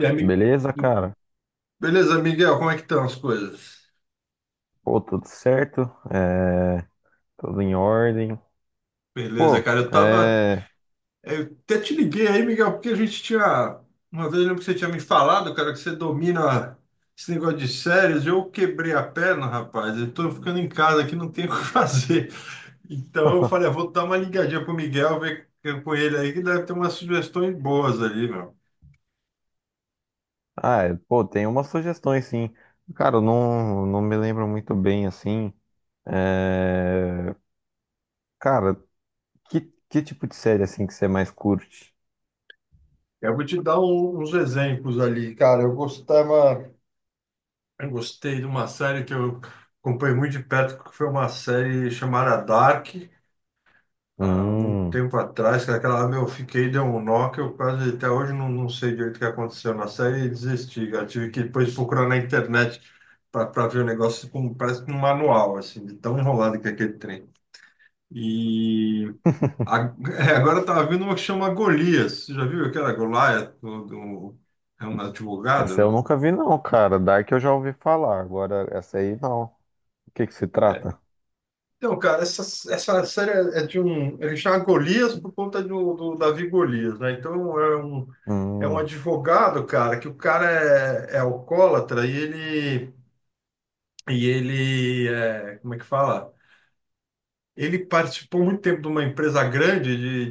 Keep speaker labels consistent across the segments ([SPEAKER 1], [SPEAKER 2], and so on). [SPEAKER 1] E aí, mi-
[SPEAKER 2] beleza, cara?
[SPEAKER 1] beleza, Miguel, como é que estão as coisas?
[SPEAKER 2] Pô, tudo certo? É, tudo em ordem.
[SPEAKER 1] Beleza,
[SPEAKER 2] Pô,
[SPEAKER 1] cara. Eu tava.
[SPEAKER 2] é.
[SPEAKER 1] Eu até te liguei aí, Miguel, porque a gente tinha. Uma vez eu lembro que você tinha me falado, cara, que você domina esse negócio de séries. Eu quebrei a perna, rapaz. Eu tô ficando em casa aqui, não tenho o que fazer. Então eu falei, ah, vou dar uma ligadinha pro Miguel, ver com ele aí, que deve ter umas sugestões boas ali, meu.
[SPEAKER 2] Ah, é, pô, tem umas sugestões, sim. Cara, eu não me lembro muito bem, assim. É, cara, que, que tipo de série, assim, que você mais curte?
[SPEAKER 1] Eu vou te dar uns exemplos ali, cara. Eu gostava. Eu gostei de uma série que eu acompanhei muito de perto, que foi uma série chamada Dark, há muito
[SPEAKER 2] Hum,
[SPEAKER 1] tempo atrás, que é aquela lá, meu, eu fiquei, deu um nó, que eu quase até hoje não sei direito o que aconteceu na série e desisti. Eu tive que depois procurar na internet para ver o negócio, como, parece que um manual, assim, de tão enrolado que é aquele trem. E a- é, agora eu tava vendo uma que chama Golias, você já viu aquela Golias, do é um advogado,
[SPEAKER 2] essa eu
[SPEAKER 1] não?
[SPEAKER 2] nunca vi, não, cara. Dark eu já ouvi falar, agora essa aí não. O que que se trata?
[SPEAKER 1] Então, cara, essa série é de um. Ele chama Golias por conta do Davi Golias, né? Então é um
[SPEAKER 2] Hum,
[SPEAKER 1] advogado, cara, que o cara é alcoólatra e ele. E ele. É, como é que fala? Ele participou muito tempo de uma empresa grande de,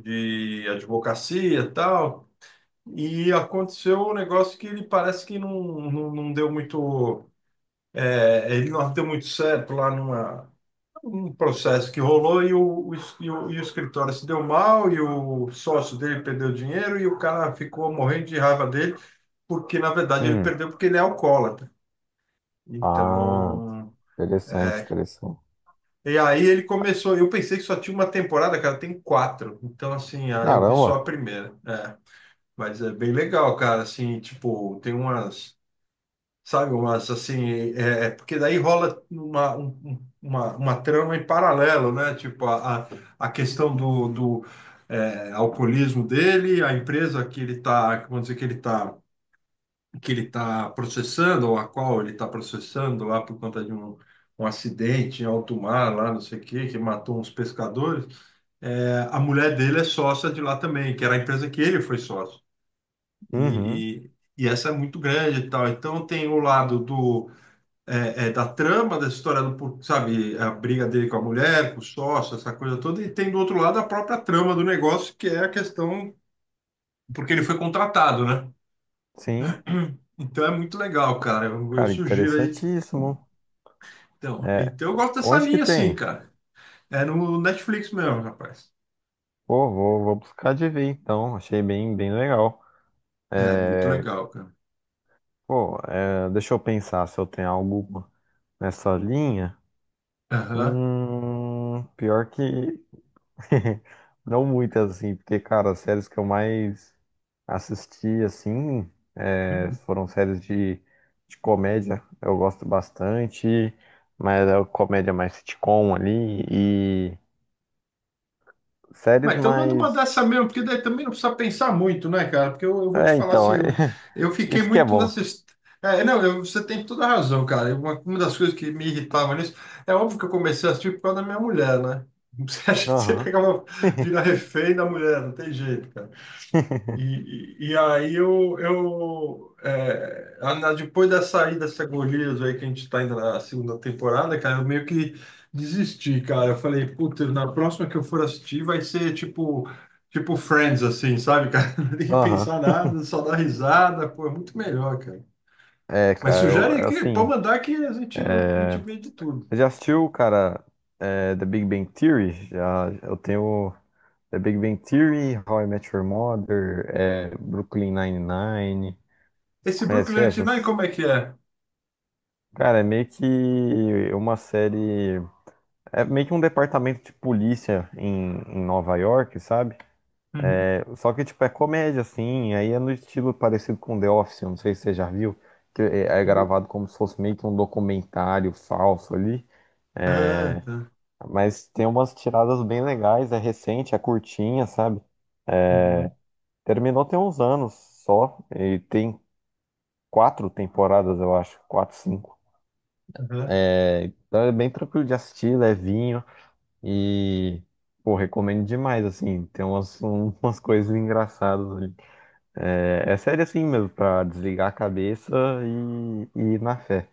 [SPEAKER 1] de, de advocacia e tal. E aconteceu um negócio que ele parece que não, não, não deu muito. É, ele não deu muito certo lá numa um processo que rolou e o escritório se deu mal, e o sócio dele perdeu dinheiro, e o cara ficou morrendo de raiva dele, porque na verdade ele
[SPEAKER 2] hum.
[SPEAKER 1] perdeu porque ele é alcoólatra.
[SPEAKER 2] Ah,
[SPEAKER 1] Então.
[SPEAKER 2] interessante, interessante.
[SPEAKER 1] E aí ele começou. Eu pensei que só tinha uma temporada, cara, tem quatro. Então, assim, ah, eu vi só a
[SPEAKER 2] Caramba.
[SPEAKER 1] primeira. É. Mas é bem legal, cara. Assim, tipo, tem umas. Sabe, mas assim, é porque daí rola uma, uma trama em paralelo, né? Tipo, a a questão do é, alcoolismo dele, a empresa que ele tá, vamos dizer, que ele tá processando, ou a qual ele está processando lá por conta de um, um acidente em alto mar, lá não sei o quê, que matou uns pescadores. É, a mulher dele é sócia de lá também, que era a empresa que ele foi sócio.
[SPEAKER 2] Uhum.
[SPEAKER 1] E, e essa é muito grande e tal. Então tem o lado do da trama dessa história, sabe, a briga dele com a mulher, com o sócio, essa coisa toda, e tem do outro lado a própria trama do negócio, que é a questão, porque ele foi contratado, né?
[SPEAKER 2] Sim,
[SPEAKER 1] Então é muito legal, cara. Eu
[SPEAKER 2] cara,
[SPEAKER 1] sugiro aí.
[SPEAKER 2] interessantíssimo.
[SPEAKER 1] Então,
[SPEAKER 2] É,
[SPEAKER 1] então eu gosto dessa
[SPEAKER 2] onde que
[SPEAKER 1] linha, assim,
[SPEAKER 2] tem?
[SPEAKER 1] cara. É no Netflix mesmo, rapaz.
[SPEAKER 2] Pô, vou buscar de ver então. Achei bem, bem legal.
[SPEAKER 1] É
[SPEAKER 2] É,
[SPEAKER 1] muito legal, cara.
[SPEAKER 2] pô, é, deixa eu pensar se eu tenho algo nessa linha.
[SPEAKER 1] Aham.
[SPEAKER 2] Pior que não muitas assim, porque, cara, as séries que eu mais assisti assim é, foram séries de comédia. Eu gosto bastante, mas é comédia mais sitcom ali e séries
[SPEAKER 1] Mas então manda uma
[SPEAKER 2] mais.
[SPEAKER 1] dessa mesmo, porque daí também não precisa pensar muito, né, cara? Porque eu vou te
[SPEAKER 2] É,
[SPEAKER 1] falar assim,
[SPEAKER 2] então, é...
[SPEAKER 1] eu fiquei
[SPEAKER 2] isso que é
[SPEAKER 1] muito
[SPEAKER 2] bom.
[SPEAKER 1] nessa. É, não, você tem toda a razão, cara. Uma das coisas que me irritava nisso, é óbvio que eu comecei a assistir por causa da minha mulher, né? Você acha que você
[SPEAKER 2] Aham.
[SPEAKER 1] pegava, vira refém da mulher, não tem jeito, cara. E, eu é, depois da saída dessa Gorilas aí que a gente está indo na segunda temporada, cara, eu meio que desisti, cara. Eu falei, puta, na próxima que eu for assistir vai ser tipo Friends, assim, sabe, cara? Não tem que
[SPEAKER 2] Aham.
[SPEAKER 1] pensar nada, só dar risada, pô, é muito melhor, cara.
[SPEAKER 2] É,
[SPEAKER 1] Mas
[SPEAKER 2] cara, eu,
[SPEAKER 1] sugere aí
[SPEAKER 2] é
[SPEAKER 1] que pode
[SPEAKER 2] assim.
[SPEAKER 1] mandar que a gente
[SPEAKER 2] É...
[SPEAKER 1] vê de tudo.
[SPEAKER 2] Você já assistiu, cara, é, The Big Bang Theory? Já, eu tenho The Big Bang Theory, How I Met Your Mother, é, Brooklyn Nine-Nine. Você
[SPEAKER 1] Esse
[SPEAKER 2] conhece
[SPEAKER 1] Brooklyn Nine-Nine,
[SPEAKER 2] essas?
[SPEAKER 1] como é que é?
[SPEAKER 2] Cara, é meio que uma série. É meio que um departamento de polícia em Nova York, sabe?
[SPEAKER 1] Uhum.
[SPEAKER 2] Só que, tipo, é comédia, assim, aí é no estilo parecido com The Office, eu não sei se você já viu, que é gravado como se fosse meio que um documentário falso ali,
[SPEAKER 1] Ah, tá.
[SPEAKER 2] mas tem umas tiradas bem legais, é recente, é curtinha, sabe?
[SPEAKER 1] Uhum.
[SPEAKER 2] Terminou tem uns anos só, e tem quatro temporadas, eu acho, quatro, cinco.
[SPEAKER 1] Aham.
[SPEAKER 2] É, então é bem tranquilo de assistir, levinho, e, pô, recomendo demais, assim, tem umas, umas coisas engraçadas ali. É, é série assim mesmo, pra desligar a cabeça e ir na fé.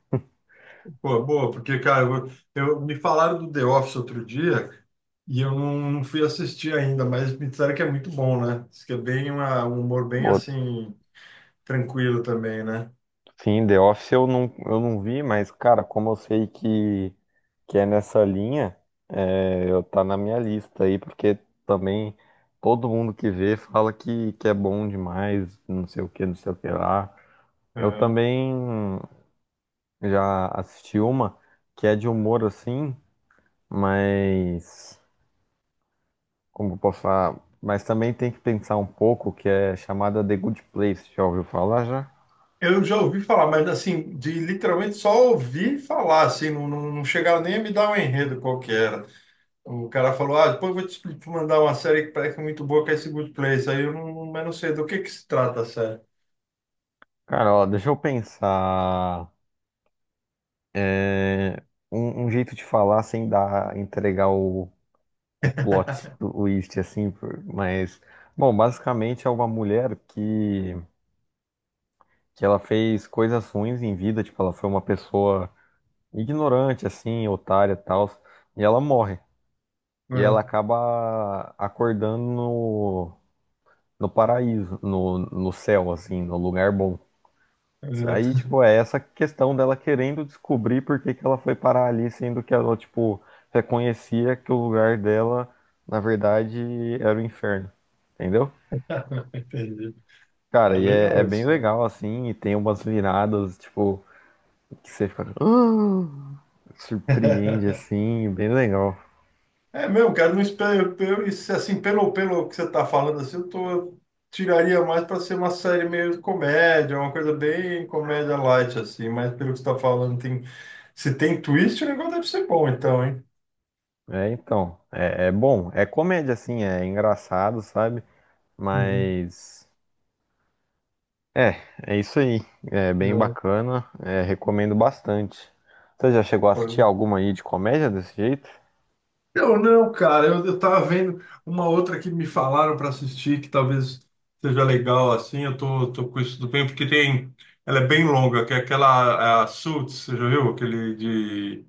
[SPEAKER 1] Pô, boa, porque, cara, eu, me falaram do The Office outro dia e eu não fui assistir ainda, mas me disseram que é muito bom, né? Diz que é bem um humor bem
[SPEAKER 2] Pô,
[SPEAKER 1] assim, tranquilo também, né?
[SPEAKER 2] sim, The Office eu não vi, mas, cara, como eu sei que é nessa linha, é, eu tá na minha lista aí, porque também todo mundo que vê fala que é bom demais, não sei o que, não sei o que lá. Eu
[SPEAKER 1] É.
[SPEAKER 2] também já assisti uma que é de humor assim, mas, como eu posso falar, mas também tem que pensar um pouco que é chamada The Good Place, já ouviu falar já?
[SPEAKER 1] Eu já ouvi falar, mas assim, de literalmente só ouvir falar, assim, não chegaram nem a me dar um enredo qualquer. O cara falou, ah, depois eu vou te te mandar uma série que parece que é muito boa, que é esse Good Place. Aí eu não, mas não sei do que se trata a série.
[SPEAKER 2] Cara, ó, deixa eu pensar é, um jeito de falar sem dar, entregar o plot do twist, assim, por- mas, bom, basicamente é uma mulher que ela fez coisas ruins em vida, tipo, ela foi uma pessoa ignorante, assim, otária e tal, e ela morre. E ela
[SPEAKER 1] É,
[SPEAKER 2] acaba acordando no paraíso, no, no céu, assim, no lugar bom. Aí,
[SPEAKER 1] é.
[SPEAKER 2] tipo, é essa questão dela querendo descobrir por que que ela foi parar ali, sendo que ela, tipo, reconhecia que o lugar dela, na verdade, era o inferno. Entendeu?
[SPEAKER 1] Entendi.
[SPEAKER 2] Cara,
[SPEAKER 1] É
[SPEAKER 2] e é,
[SPEAKER 1] legal
[SPEAKER 2] é bem
[SPEAKER 1] isso, cara.
[SPEAKER 2] legal, assim, e tem umas viradas, tipo, que você fica, "Hã?", surpreende, assim, bem legal.
[SPEAKER 1] É mesmo, cara, não espero, eu, isso, assim, pelo, pelo que você tá falando, assim, eu tiraria mais para ser uma série meio comédia, uma coisa bem comédia light, assim, mas pelo que você tá falando, tem, se tem twist, o negócio deve ser bom, então, hein?
[SPEAKER 2] É, então, é, é bom, é comédia, assim, é engraçado, sabe?
[SPEAKER 1] Uhum.
[SPEAKER 2] Mas é, é isso aí. É bem
[SPEAKER 1] Não,
[SPEAKER 2] bacana, é, recomendo bastante. Você já chegou a assistir
[SPEAKER 1] foi-
[SPEAKER 2] alguma aí de comédia desse jeito?
[SPEAKER 1] Não, não, cara, eu tava vendo uma outra que me falaram para assistir, que talvez seja legal, assim, eu tô, tô com isso do bem, porque tem, ela é bem longa, que é aquela, a Suits, você já viu? Aquele de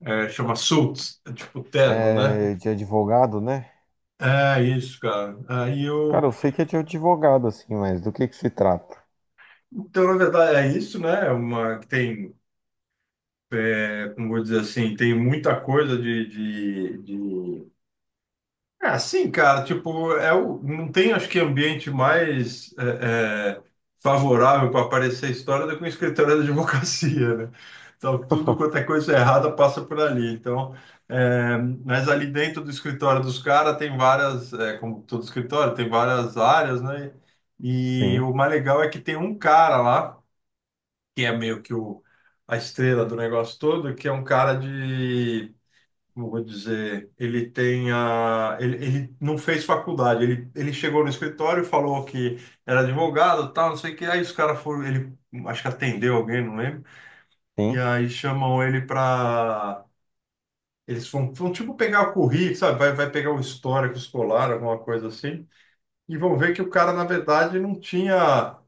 [SPEAKER 1] É, chama suits, é tipo terno, né?
[SPEAKER 2] É, de advogado, né?
[SPEAKER 1] É isso, cara. Aí eu.
[SPEAKER 2] Cara, eu sei que é de advogado, assim, mas do que se trata?
[SPEAKER 1] Então, na verdade, é isso, né? É uma que tem, é, como vou dizer assim, tem muita coisa de É, sim, cara, tipo, é o, não tem, acho que, ambiente mais é, favorável para aparecer a história do que um escritório de advocacia, né? Então, tudo quanto é coisa errada passa por ali. Então, é, mas ali dentro do escritório dos caras tem várias, é, como todo escritório, tem várias áreas, né? E
[SPEAKER 2] Sim,
[SPEAKER 1] o mais legal é que tem um cara lá, que é meio que o, a estrela do negócio todo, que é um cara de como eu vou dizer, ele tem a, ele não fez faculdade, ele chegou no escritório, e falou que era advogado, tal, não sei o que, aí os caras foram, ele acho que atendeu alguém, não lembro, e
[SPEAKER 2] sim,
[SPEAKER 1] aí chamam ele para, eles vão, vão tipo pegar o currículo, sabe, vai, vai pegar o histórico escolar, alguma coisa assim, e vão ver que o cara, na verdade, não tinha,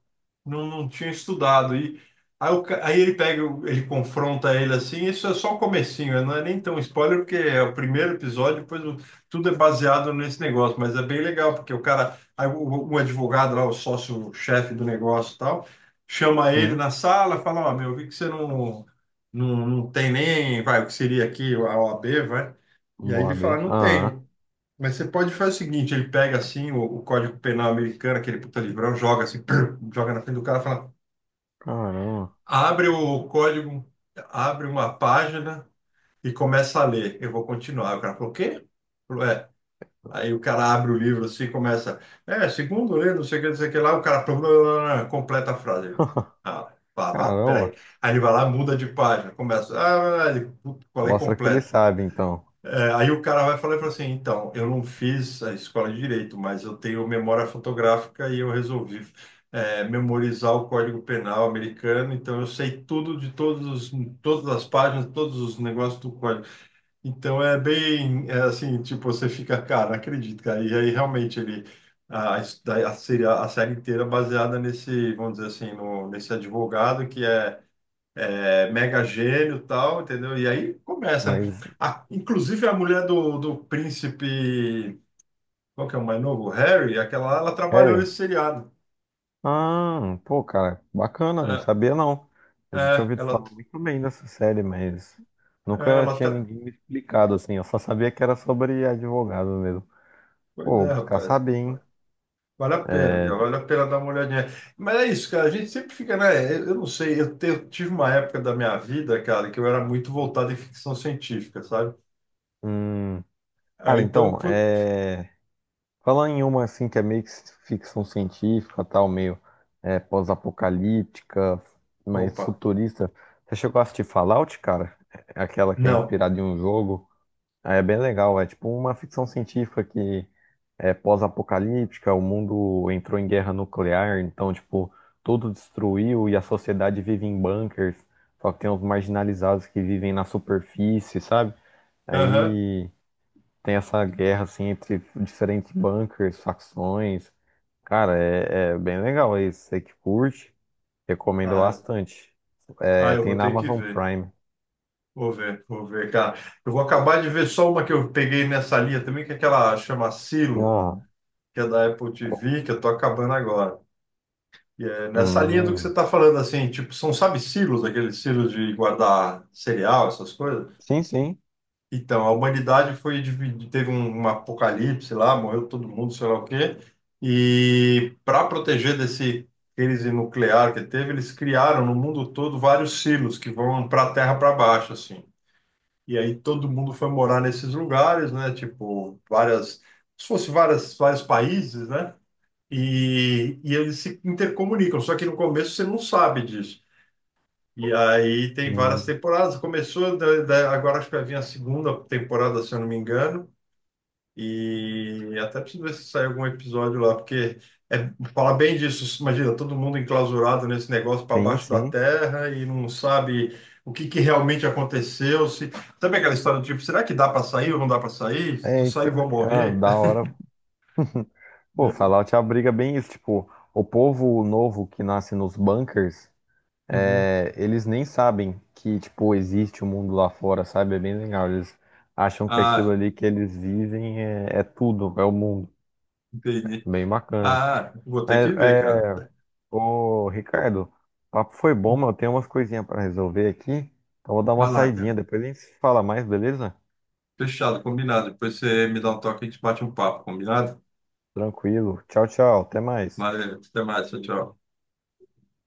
[SPEAKER 1] não tinha estudado. E aí, ele pega, ele confronta ele assim, isso é só o comecinho, né? Não é nem tão spoiler, porque é o primeiro episódio, depois tudo é baseado nesse negócio, mas é bem legal, porque o cara, um advogado lá, o sócio-chefe do negócio e tal, chama ele
[SPEAKER 2] sim.
[SPEAKER 1] na sala, fala, ó, meu, eu vi que você não tem nem, vai, o que seria aqui, a OAB, vai. E aí ele
[SPEAKER 2] Moab.
[SPEAKER 1] fala, não
[SPEAKER 2] Aham.
[SPEAKER 1] tenho. Mas você pode fazer o seguinte, ele pega assim o Código Penal americano, aquele puta livrão, joga assim, joga na frente do cara, e fala,
[SPEAKER 2] Caramba.
[SPEAKER 1] abre o código, abre uma página e começa a ler. Eu vou continuar. O cara falou, o quê? Falou, é. Aí o cara abre o livro assim, e começa, é, segundo lê, não sei o que, não sei o que lá, o cara blá, blá, blá, blá, completa a frase. Ele, ah, vá, vá, peraí.
[SPEAKER 2] Caramba.
[SPEAKER 1] Aí ele vai lá, muda de página, começa, ah, ele, puta, qual é
[SPEAKER 2] Mostra que ele
[SPEAKER 1] completa?
[SPEAKER 2] sabe, então.
[SPEAKER 1] É, aí o cara vai falar e fala assim, então, eu não fiz a escola de direito, mas eu tenho memória fotográfica e eu resolvi é, memorizar o Código Penal americano, então eu sei tudo de todos os, todas as páginas, todos os negócios do código. Então é bem é assim, tipo, você fica, cara, não acredito, cara. E aí realmente ele a, a, a série inteira é baseada nesse, vamos dizer assim, no, nesse advogado que é mega gênio e tal, entendeu? E aí começa, né?
[SPEAKER 2] Mas,
[SPEAKER 1] Inclusive a mulher do príncipe, qual que é o mais novo? O Harry, aquela, lá, ela trabalhou
[SPEAKER 2] Harry,
[SPEAKER 1] nesse seriado.
[SPEAKER 2] ah, pô, cara, bacana, não
[SPEAKER 1] É,
[SPEAKER 2] sabia não. A gente tinha
[SPEAKER 1] é,
[SPEAKER 2] ouvido
[SPEAKER 1] ela,
[SPEAKER 2] falar muito bem dessa série, mas
[SPEAKER 1] é,
[SPEAKER 2] nunca tinha ninguém me explicado assim. Eu só sabia que era sobre advogado mesmo. Pô,
[SPEAKER 1] pois
[SPEAKER 2] vou
[SPEAKER 1] é,
[SPEAKER 2] buscar
[SPEAKER 1] rapaz.
[SPEAKER 2] saber, hein?
[SPEAKER 1] Vale a pena,
[SPEAKER 2] É,
[SPEAKER 1] Miguel, vale a pena dar uma olhadinha. Mas é isso, cara, a gente sempre fica, né? Eu não sei, eu, eu tive uma época da minha vida, cara, que eu era muito voltado em ficção científica, sabe?
[SPEAKER 2] hum,
[SPEAKER 1] Aí
[SPEAKER 2] cara,
[SPEAKER 1] então,
[SPEAKER 2] então,
[SPEAKER 1] put...
[SPEAKER 2] é, falando em uma assim que é meio que ficção científica, tal, meio é, pós-apocalíptica, mas
[SPEAKER 1] opa,
[SPEAKER 2] futurista. Você chegou a assistir Fallout, cara? É aquela que é
[SPEAKER 1] não.
[SPEAKER 2] inspirada em um jogo. Ah, é bem legal, é tipo uma ficção científica que é pós-apocalíptica, o mundo entrou em guerra nuclear, então, tipo, tudo destruiu e a sociedade vive em bunkers, só que tem os marginalizados que vivem na superfície, sabe?
[SPEAKER 1] Aham.
[SPEAKER 2] Aí tem essa guerra, assim, entre diferentes bunkers, facções. Cara, é, é bem legal isso, você que curte, recomendo
[SPEAKER 1] Ah,
[SPEAKER 2] bastante.
[SPEAKER 1] ah,
[SPEAKER 2] É,
[SPEAKER 1] eu
[SPEAKER 2] tem
[SPEAKER 1] vou
[SPEAKER 2] na
[SPEAKER 1] ter que
[SPEAKER 2] Amazon
[SPEAKER 1] ver.
[SPEAKER 2] Prime.
[SPEAKER 1] Vou ver, vou ver, cara. Eu vou acabar de ver só uma que eu peguei nessa linha também, que é aquela chama Silo,
[SPEAKER 2] Ah,
[SPEAKER 1] que é da Apple
[SPEAKER 2] co-
[SPEAKER 1] TV, que eu tô acabando agora. E é nessa linha do que você
[SPEAKER 2] hum,
[SPEAKER 1] tá falando, assim, tipo, são, sabe, silos, aqueles silos de guardar cereal, essas coisas?
[SPEAKER 2] sim,
[SPEAKER 1] Então, a humanidade foi dividida, teve um, um apocalipse lá, morreu todo mundo, sei lá o quê. E para proteger desse crise nuclear que teve, eles criaram no mundo todo vários silos que vão para a terra para baixo, assim. E aí todo mundo foi morar nesses lugares, né? Tipo, várias, se fosse várias, vários países, né? E eles se intercomunicam, só que no começo você não sabe disso. E aí tem várias
[SPEAKER 2] sim.
[SPEAKER 1] temporadas. Começou, agora acho que vai vir a segunda temporada, se eu não me engano. E até preciso ver se sai algum episódio lá, porque é falar bem disso. Imagina, todo mundo enclausurado nesse negócio para
[SPEAKER 2] Sim,
[SPEAKER 1] baixo da
[SPEAKER 2] sim.
[SPEAKER 1] terra e não sabe o que, que realmente aconteceu. Se... Sabe aquela história do tipo, será que dá para sair ou não dá para sair? Se eu
[SPEAKER 2] É,
[SPEAKER 1] sair,
[SPEAKER 2] então,
[SPEAKER 1] vou
[SPEAKER 2] ah,
[SPEAKER 1] morrer.
[SPEAKER 2] da hora. Pô,
[SPEAKER 1] É.
[SPEAKER 2] Fallout abriga bem isso. Tipo, o povo novo que nasce nos bunkers,
[SPEAKER 1] Uhum.
[SPEAKER 2] é, eles nem sabem que, tipo, existe um mundo lá fora, sabe? É bem legal. Eles acham que aquilo
[SPEAKER 1] Ah,
[SPEAKER 2] ali que eles vivem é, é tudo, é o mundo.
[SPEAKER 1] entendi.
[SPEAKER 2] Bem bacana.
[SPEAKER 1] Ah, vou ter
[SPEAKER 2] Mas,
[SPEAKER 1] que ver, cara.
[SPEAKER 2] é, ô, Ricardo, o papo foi bom, mas eu tenho umas coisinhas pra resolver aqui. Então, vou dar uma
[SPEAKER 1] Vai lá,
[SPEAKER 2] saidinha.
[SPEAKER 1] cara.
[SPEAKER 2] Depois a gente se fala mais, beleza?
[SPEAKER 1] Fechado, combinado. Depois você me dá um toque e a gente bate um papo, combinado?
[SPEAKER 2] Tranquilo. Tchau, tchau. Até mais.
[SPEAKER 1] Valeu, até mais, tchau, tchau.